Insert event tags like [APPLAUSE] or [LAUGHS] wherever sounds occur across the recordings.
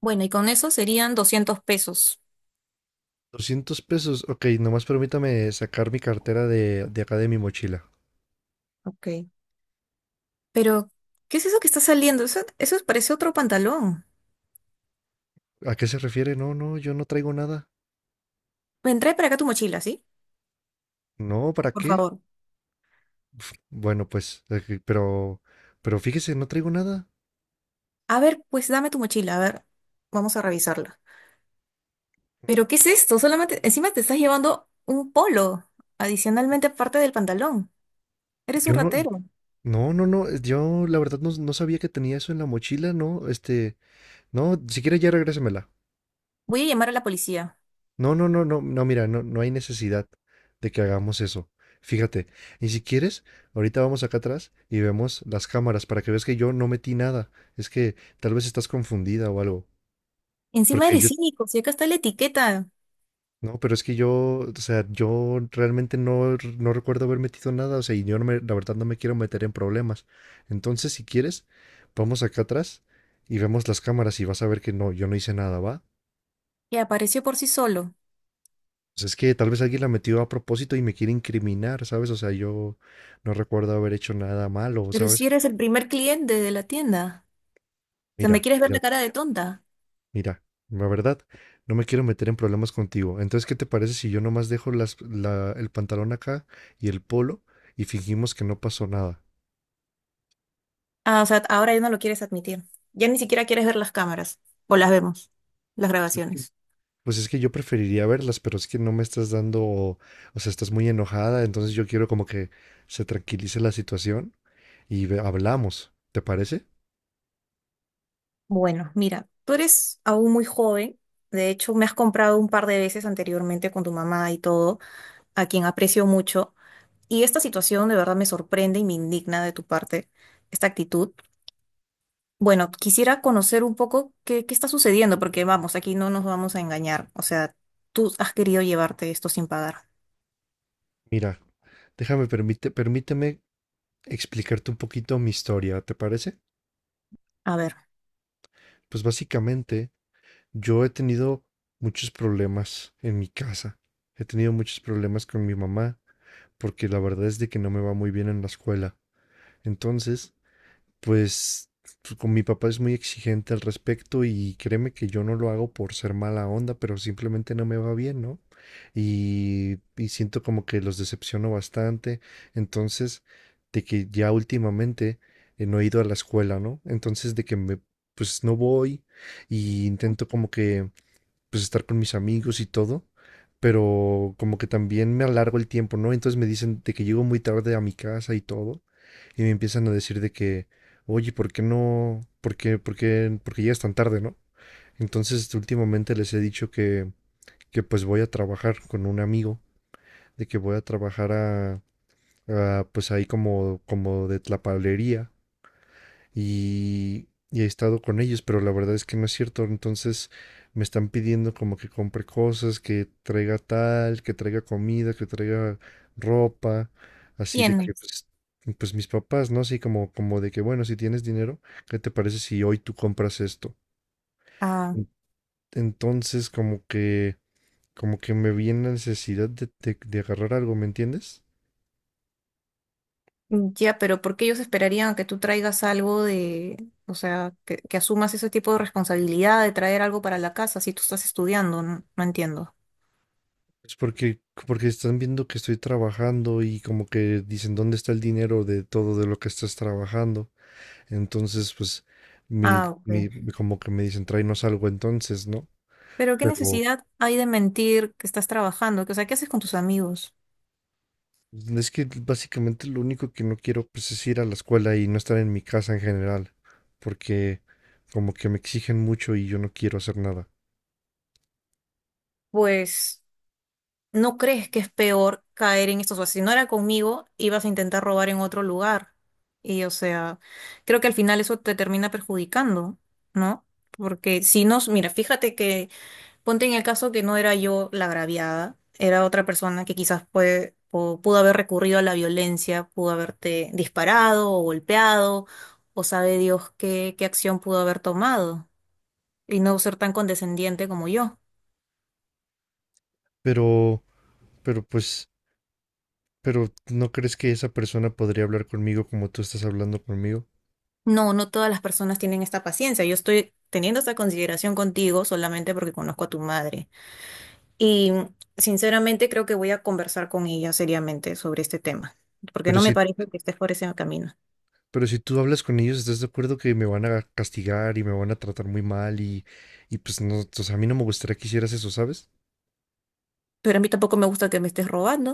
Bueno, y con eso serían 200 pesos. Doscientos pesos. Ok, nomás permítame sacar mi cartera de acá de mi mochila. Ok. Pero, ¿qué es eso que está saliendo? Eso parece otro pantalón. ¿A qué se refiere? No, no, yo no traigo nada. Ven, trae para acá tu mochila, ¿sí? No, ¿para Por qué? favor. Uf, bueno, pues, pero fíjese, no traigo nada. A ver, pues dame tu mochila, a ver, vamos a revisarla. Pero, ¿qué es esto? Solamente, encima te estás llevando un polo, adicionalmente aparte del pantalón. Eres Yo un no, ratero. no, no, no, yo la verdad no, no sabía que tenía eso en la mochila, no, no, si quiere ya regrésemela. Voy a llamar a la policía. No, no, no, no, no, mira, no, no hay necesidad de que hagamos eso. Fíjate, y si quieres, ahorita vamos acá atrás y vemos las cámaras para que veas que yo no metí nada. Es que tal vez estás confundida o algo. Encima Porque eres yo, cínico, si acá está la etiqueta, no, pero es que yo, o sea, yo realmente no, no recuerdo haber metido nada, o sea, y yo la verdad no me quiero meter en problemas. Entonces, si quieres, vamos acá atrás y vemos las cámaras y vas a ver que no, yo no hice nada, ¿va? que apareció por sí solo. Pues es que tal vez alguien la metió a propósito y me quiere incriminar, ¿sabes? O sea, yo no recuerdo haber hecho nada malo, Pero si ¿sabes? eres el primer cliente de la tienda. O sea, ¿me Mira, quieres ver la mira, cara de tonta? mira, la verdad, no me quiero meter en problemas contigo. Entonces, ¿qué te parece si yo nomás dejo el pantalón acá y el polo y fingimos que no pasó nada? Ah, o sea, ahora ya no lo quieres admitir. Ya ni siquiera quieres ver las cámaras. O las vemos, las Pues es que grabaciones. pues es que yo preferiría verlas, pero es que no me estás dando, o sea, estás muy enojada, entonces yo quiero como que se tranquilice la situación y hablamos, ¿te parece? Bueno, mira, tú eres aún muy joven. De hecho, me has comprado un par de veces anteriormente con tu mamá y todo, a quien aprecio mucho. Y esta situación de verdad me sorprende y me indigna de tu parte, esta actitud. Bueno, quisiera conocer un poco qué está sucediendo, porque vamos, aquí no nos vamos a engañar. O sea, tú has querido llevarte esto sin pagar. Mira, permíteme explicarte un poquito mi historia, ¿te parece? A ver, Pues básicamente yo he tenido muchos problemas en mi casa. He tenido muchos problemas con mi mamá porque la verdad es de que no me va muy bien en la escuela. Entonces, Pues con mi papá es muy exigente al respecto y créeme que yo no lo hago por ser mala onda, pero simplemente no me va bien, ¿no? Y siento como que los decepciono bastante. Entonces, de que ya últimamente no he ido a la escuela, ¿no? Entonces, de que me, pues no voy y intento como que pues estar con mis amigos y todo, pero como que también me alargo el tiempo, ¿no? Entonces me dicen de que llego muy tarde a mi casa y todo, y me empiezan a decir de que, oye, ¿por qué no? ¿Por qué llegas tan tarde, ¿no? Entonces últimamente les he dicho que pues voy a trabajar con un amigo, de que voy a trabajar pues ahí como, como de tlapalería y he estado con ellos, pero la verdad es que no es cierto. Entonces me están pidiendo como que compre cosas, que traiga tal, que traiga comida, que traiga ropa, así de que tienes. pues, pues mis papás, ¿no? Así como, como de que, bueno, si tienes dinero, ¿qué te parece si hoy tú compras esto? En- Entonces como que me viene la necesidad de agarrar algo, ¿me entiendes? Ya, pero ¿por qué ellos esperarían que tú traigas algo de, o sea, que asumas ese tipo de responsabilidad de traer algo para la casa si tú estás estudiando? No, no entiendo. Es porque, porque están viendo que estoy trabajando y como que dicen dónde está el dinero de todo de lo que estás trabajando. Entonces, pues, mi, Ah, ok. mi, como que me dicen, tráenos algo entonces, ¿no? Pero ¿qué Pero necesidad hay de mentir que estás trabajando? Que, o sea, ¿qué haces con tus amigos? pues, es que básicamente lo único que no quiero, pues, es ir a la escuela y no estar en mi casa en general. Porque como que me exigen mucho y yo no quiero hacer nada. Pues, ¿no crees que es peor caer en estos? O sea, si no era conmigo, ibas a intentar robar en otro lugar. Y, o sea, creo que al final eso te termina perjudicando, ¿no? Porque si no, mira, fíjate que ponte en el caso que no era yo la agraviada, era otra persona que quizás puede, o pudo haber recurrido a la violencia, pudo haberte disparado o golpeado, o sabe Dios qué, qué acción pudo haber tomado, y no ser tan condescendiente como yo. Pero, pero pues, pero ¿no crees que esa persona podría hablar conmigo como tú estás hablando conmigo? No, no todas las personas tienen esta paciencia. Yo estoy teniendo esta consideración contigo solamente porque conozco a tu madre. Y sinceramente creo que voy a conversar con ella seriamente sobre este tema, porque Pero no me si parece que estés por ese camino. Pero si tú hablas con ellos, ¿estás de acuerdo que me van a castigar y me van a tratar muy mal? Y pues no, o sea, a mí no me gustaría que hicieras eso, ¿sabes? Pero a mí tampoco me gusta que me estés robando.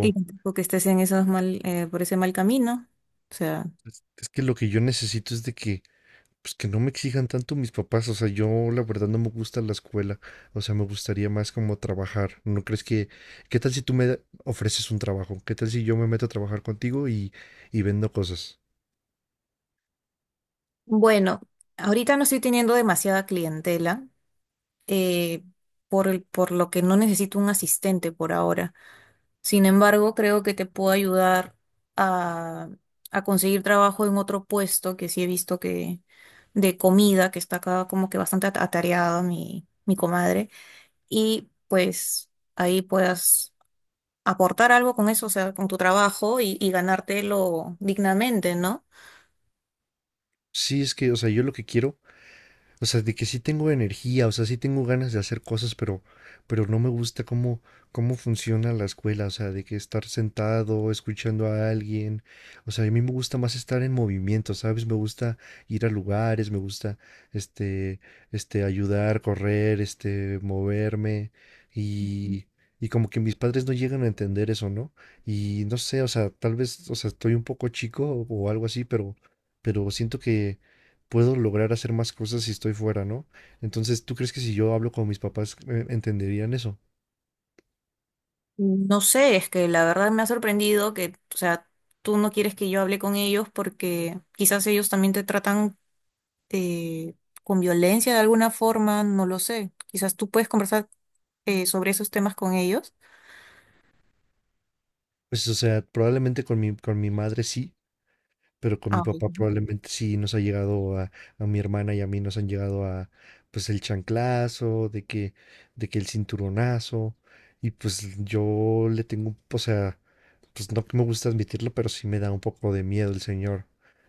Y tampoco que estés en esos mal, por ese mal camino. O sea, es que lo que yo necesito es de que, pues que no me exijan tanto mis papás. O sea, yo la verdad no me gusta la escuela. O sea, me gustaría más como trabajar. ¿No crees que, qué tal si tú me ofreces un trabajo? ¿Qué tal si yo me meto a trabajar contigo y vendo cosas? bueno, ahorita no estoy teniendo demasiada clientela, eh, por lo que no necesito un asistente por ahora. Sin embargo, creo que te puedo ayudar a, a conseguir trabajo en otro puesto que sí he visto que de comida, que está acá como que bastante atareado mi comadre. Y pues ahí puedas aportar algo con eso, o sea, con tu trabajo y ganártelo dignamente, ¿no? Sí, es que, o sea, yo lo que quiero. O sea, de que sí tengo energía, o sea, sí tengo ganas de hacer cosas, pero no me gusta cómo funciona la escuela, o sea, de que estar sentado, escuchando a alguien, o sea, a mí me gusta más estar en movimiento, ¿sabes? Me gusta ir a lugares, me gusta, este, ayudar, correr, moverme y, y como que mis padres no llegan a entender eso, ¿no? Y no sé, o sea, tal vez, o sea, estoy un poco chico o algo así, pero siento que puedo lograr hacer más cosas si estoy fuera, ¿no? Entonces, ¿tú crees que si yo hablo con mis papás entenderían eso? No sé, es que la verdad me ha sorprendido que, o sea, tú no quieres que yo hable con ellos porque quizás ellos también te tratan eh, con violencia de alguna forma, no lo sé. Quizás tú puedes conversar sobre esos temas con ellos. Pues, o sea, probablemente con mi madre sí, pero con mi Ay. papá probablemente sí nos ha llegado a a mi hermana y a mí nos han llegado a pues el chanclazo, de que el cinturonazo, y pues yo le tengo, o sea, pues no que me gusta admitirlo, pero sí me da un poco de miedo el señor.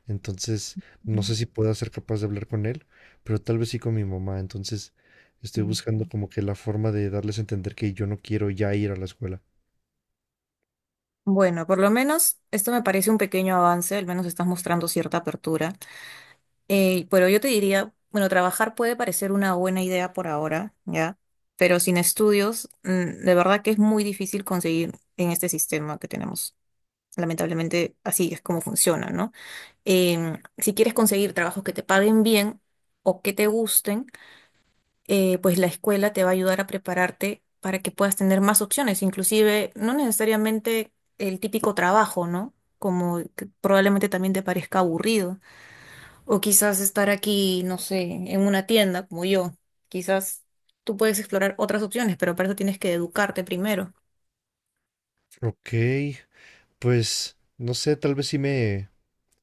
Entonces, no sé si pueda ser capaz de hablar con él, pero tal vez sí con mi mamá. Entonces, estoy buscando como que la forma de darles a entender que yo no quiero ya ir a la escuela. Bueno, por lo menos esto me parece un pequeño avance, al menos estás mostrando cierta apertura. Pero yo te diría, bueno, trabajar puede parecer una buena idea por ahora, ¿ya? Pero sin estudios, de verdad que es muy difícil conseguir en este sistema que tenemos. Lamentablemente, así es como funciona, ¿no? Si quieres conseguir trabajos que te paguen bien o que te gusten, pues la escuela te va a ayudar a prepararte para que puedas tener más opciones, inclusive no necesariamente el típico trabajo, ¿no? Como que probablemente también te parezca aburrido. O quizás estar aquí, no sé, en una tienda como yo. Quizás tú puedes explorar otras opciones, pero para eso tienes que educarte primero. Ok, pues no sé, tal vez sí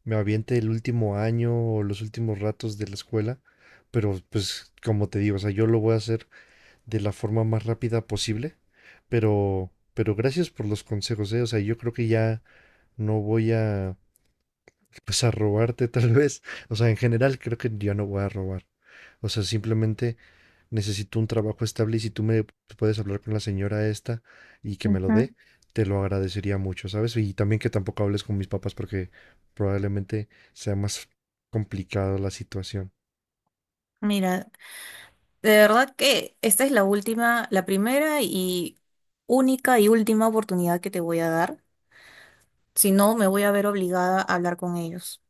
me aviente el último año o los últimos ratos de la escuela, pero pues como te digo, o sea, yo lo voy a hacer de la forma más rápida posible, pero gracias por los consejos, o sea, yo creo que ya no voy a pues a robarte tal [LAUGHS] vez. O sea, en general creo que yo no voy a robar. O sea, simplemente necesito un trabajo estable y si tú me puedes hablar con la señora esta y que me lo Ujú. dé, te lo agradecería mucho, ¿sabes? Y también que tampoco hables con mis papás porque probablemente sea más complicada la situación. Mira, de verdad que esta es la última, la primera y única y última oportunidad que te voy a dar. Si no, me voy a ver obligada a hablar con ellos.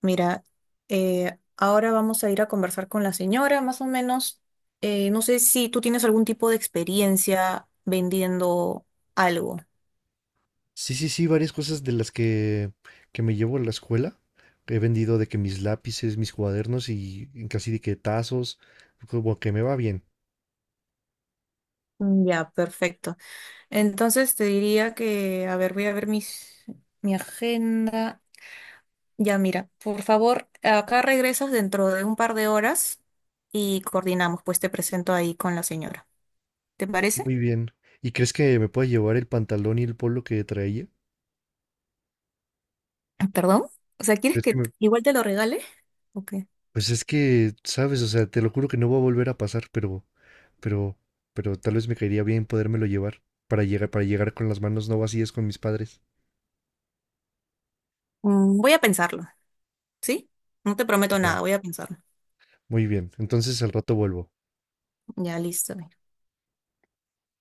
Mira, ahora vamos a ir a conversar con la señora, más o menos. No sé si tú tienes algún tipo de experiencia vendiendo algo. Sí, sí, sí, varias cosas de las que me llevo a la escuela. He vendido de que mis lápices, mis cuadernos y casi de que tazos, como que me va bien. Ya, perfecto. Entonces te diría que, a ver, voy a ver mi agenda. Ya, mira, por favor, acá regresas dentro de un par de horas y coordinamos, pues te presento ahí con la señora. ¿Te parece? Muy bien. ¿Y crees que me pueda llevar el pantalón y el polo que traía? Ah, ¿perdón? O sea, ¿quieres ¿Crees que que me... igual te lo regale? Ok. Pues es que, sabes, o sea, te lo juro que no va a volver a pasar, pero, pero tal vez me caería bien podérmelo llevar para llegar con las manos no vacías con mis padres. Voy a pensarlo, ¿sí? No te prometo Ah, nada, voy a pensarlo. muy bien, entonces al rato vuelvo. Ya, listo.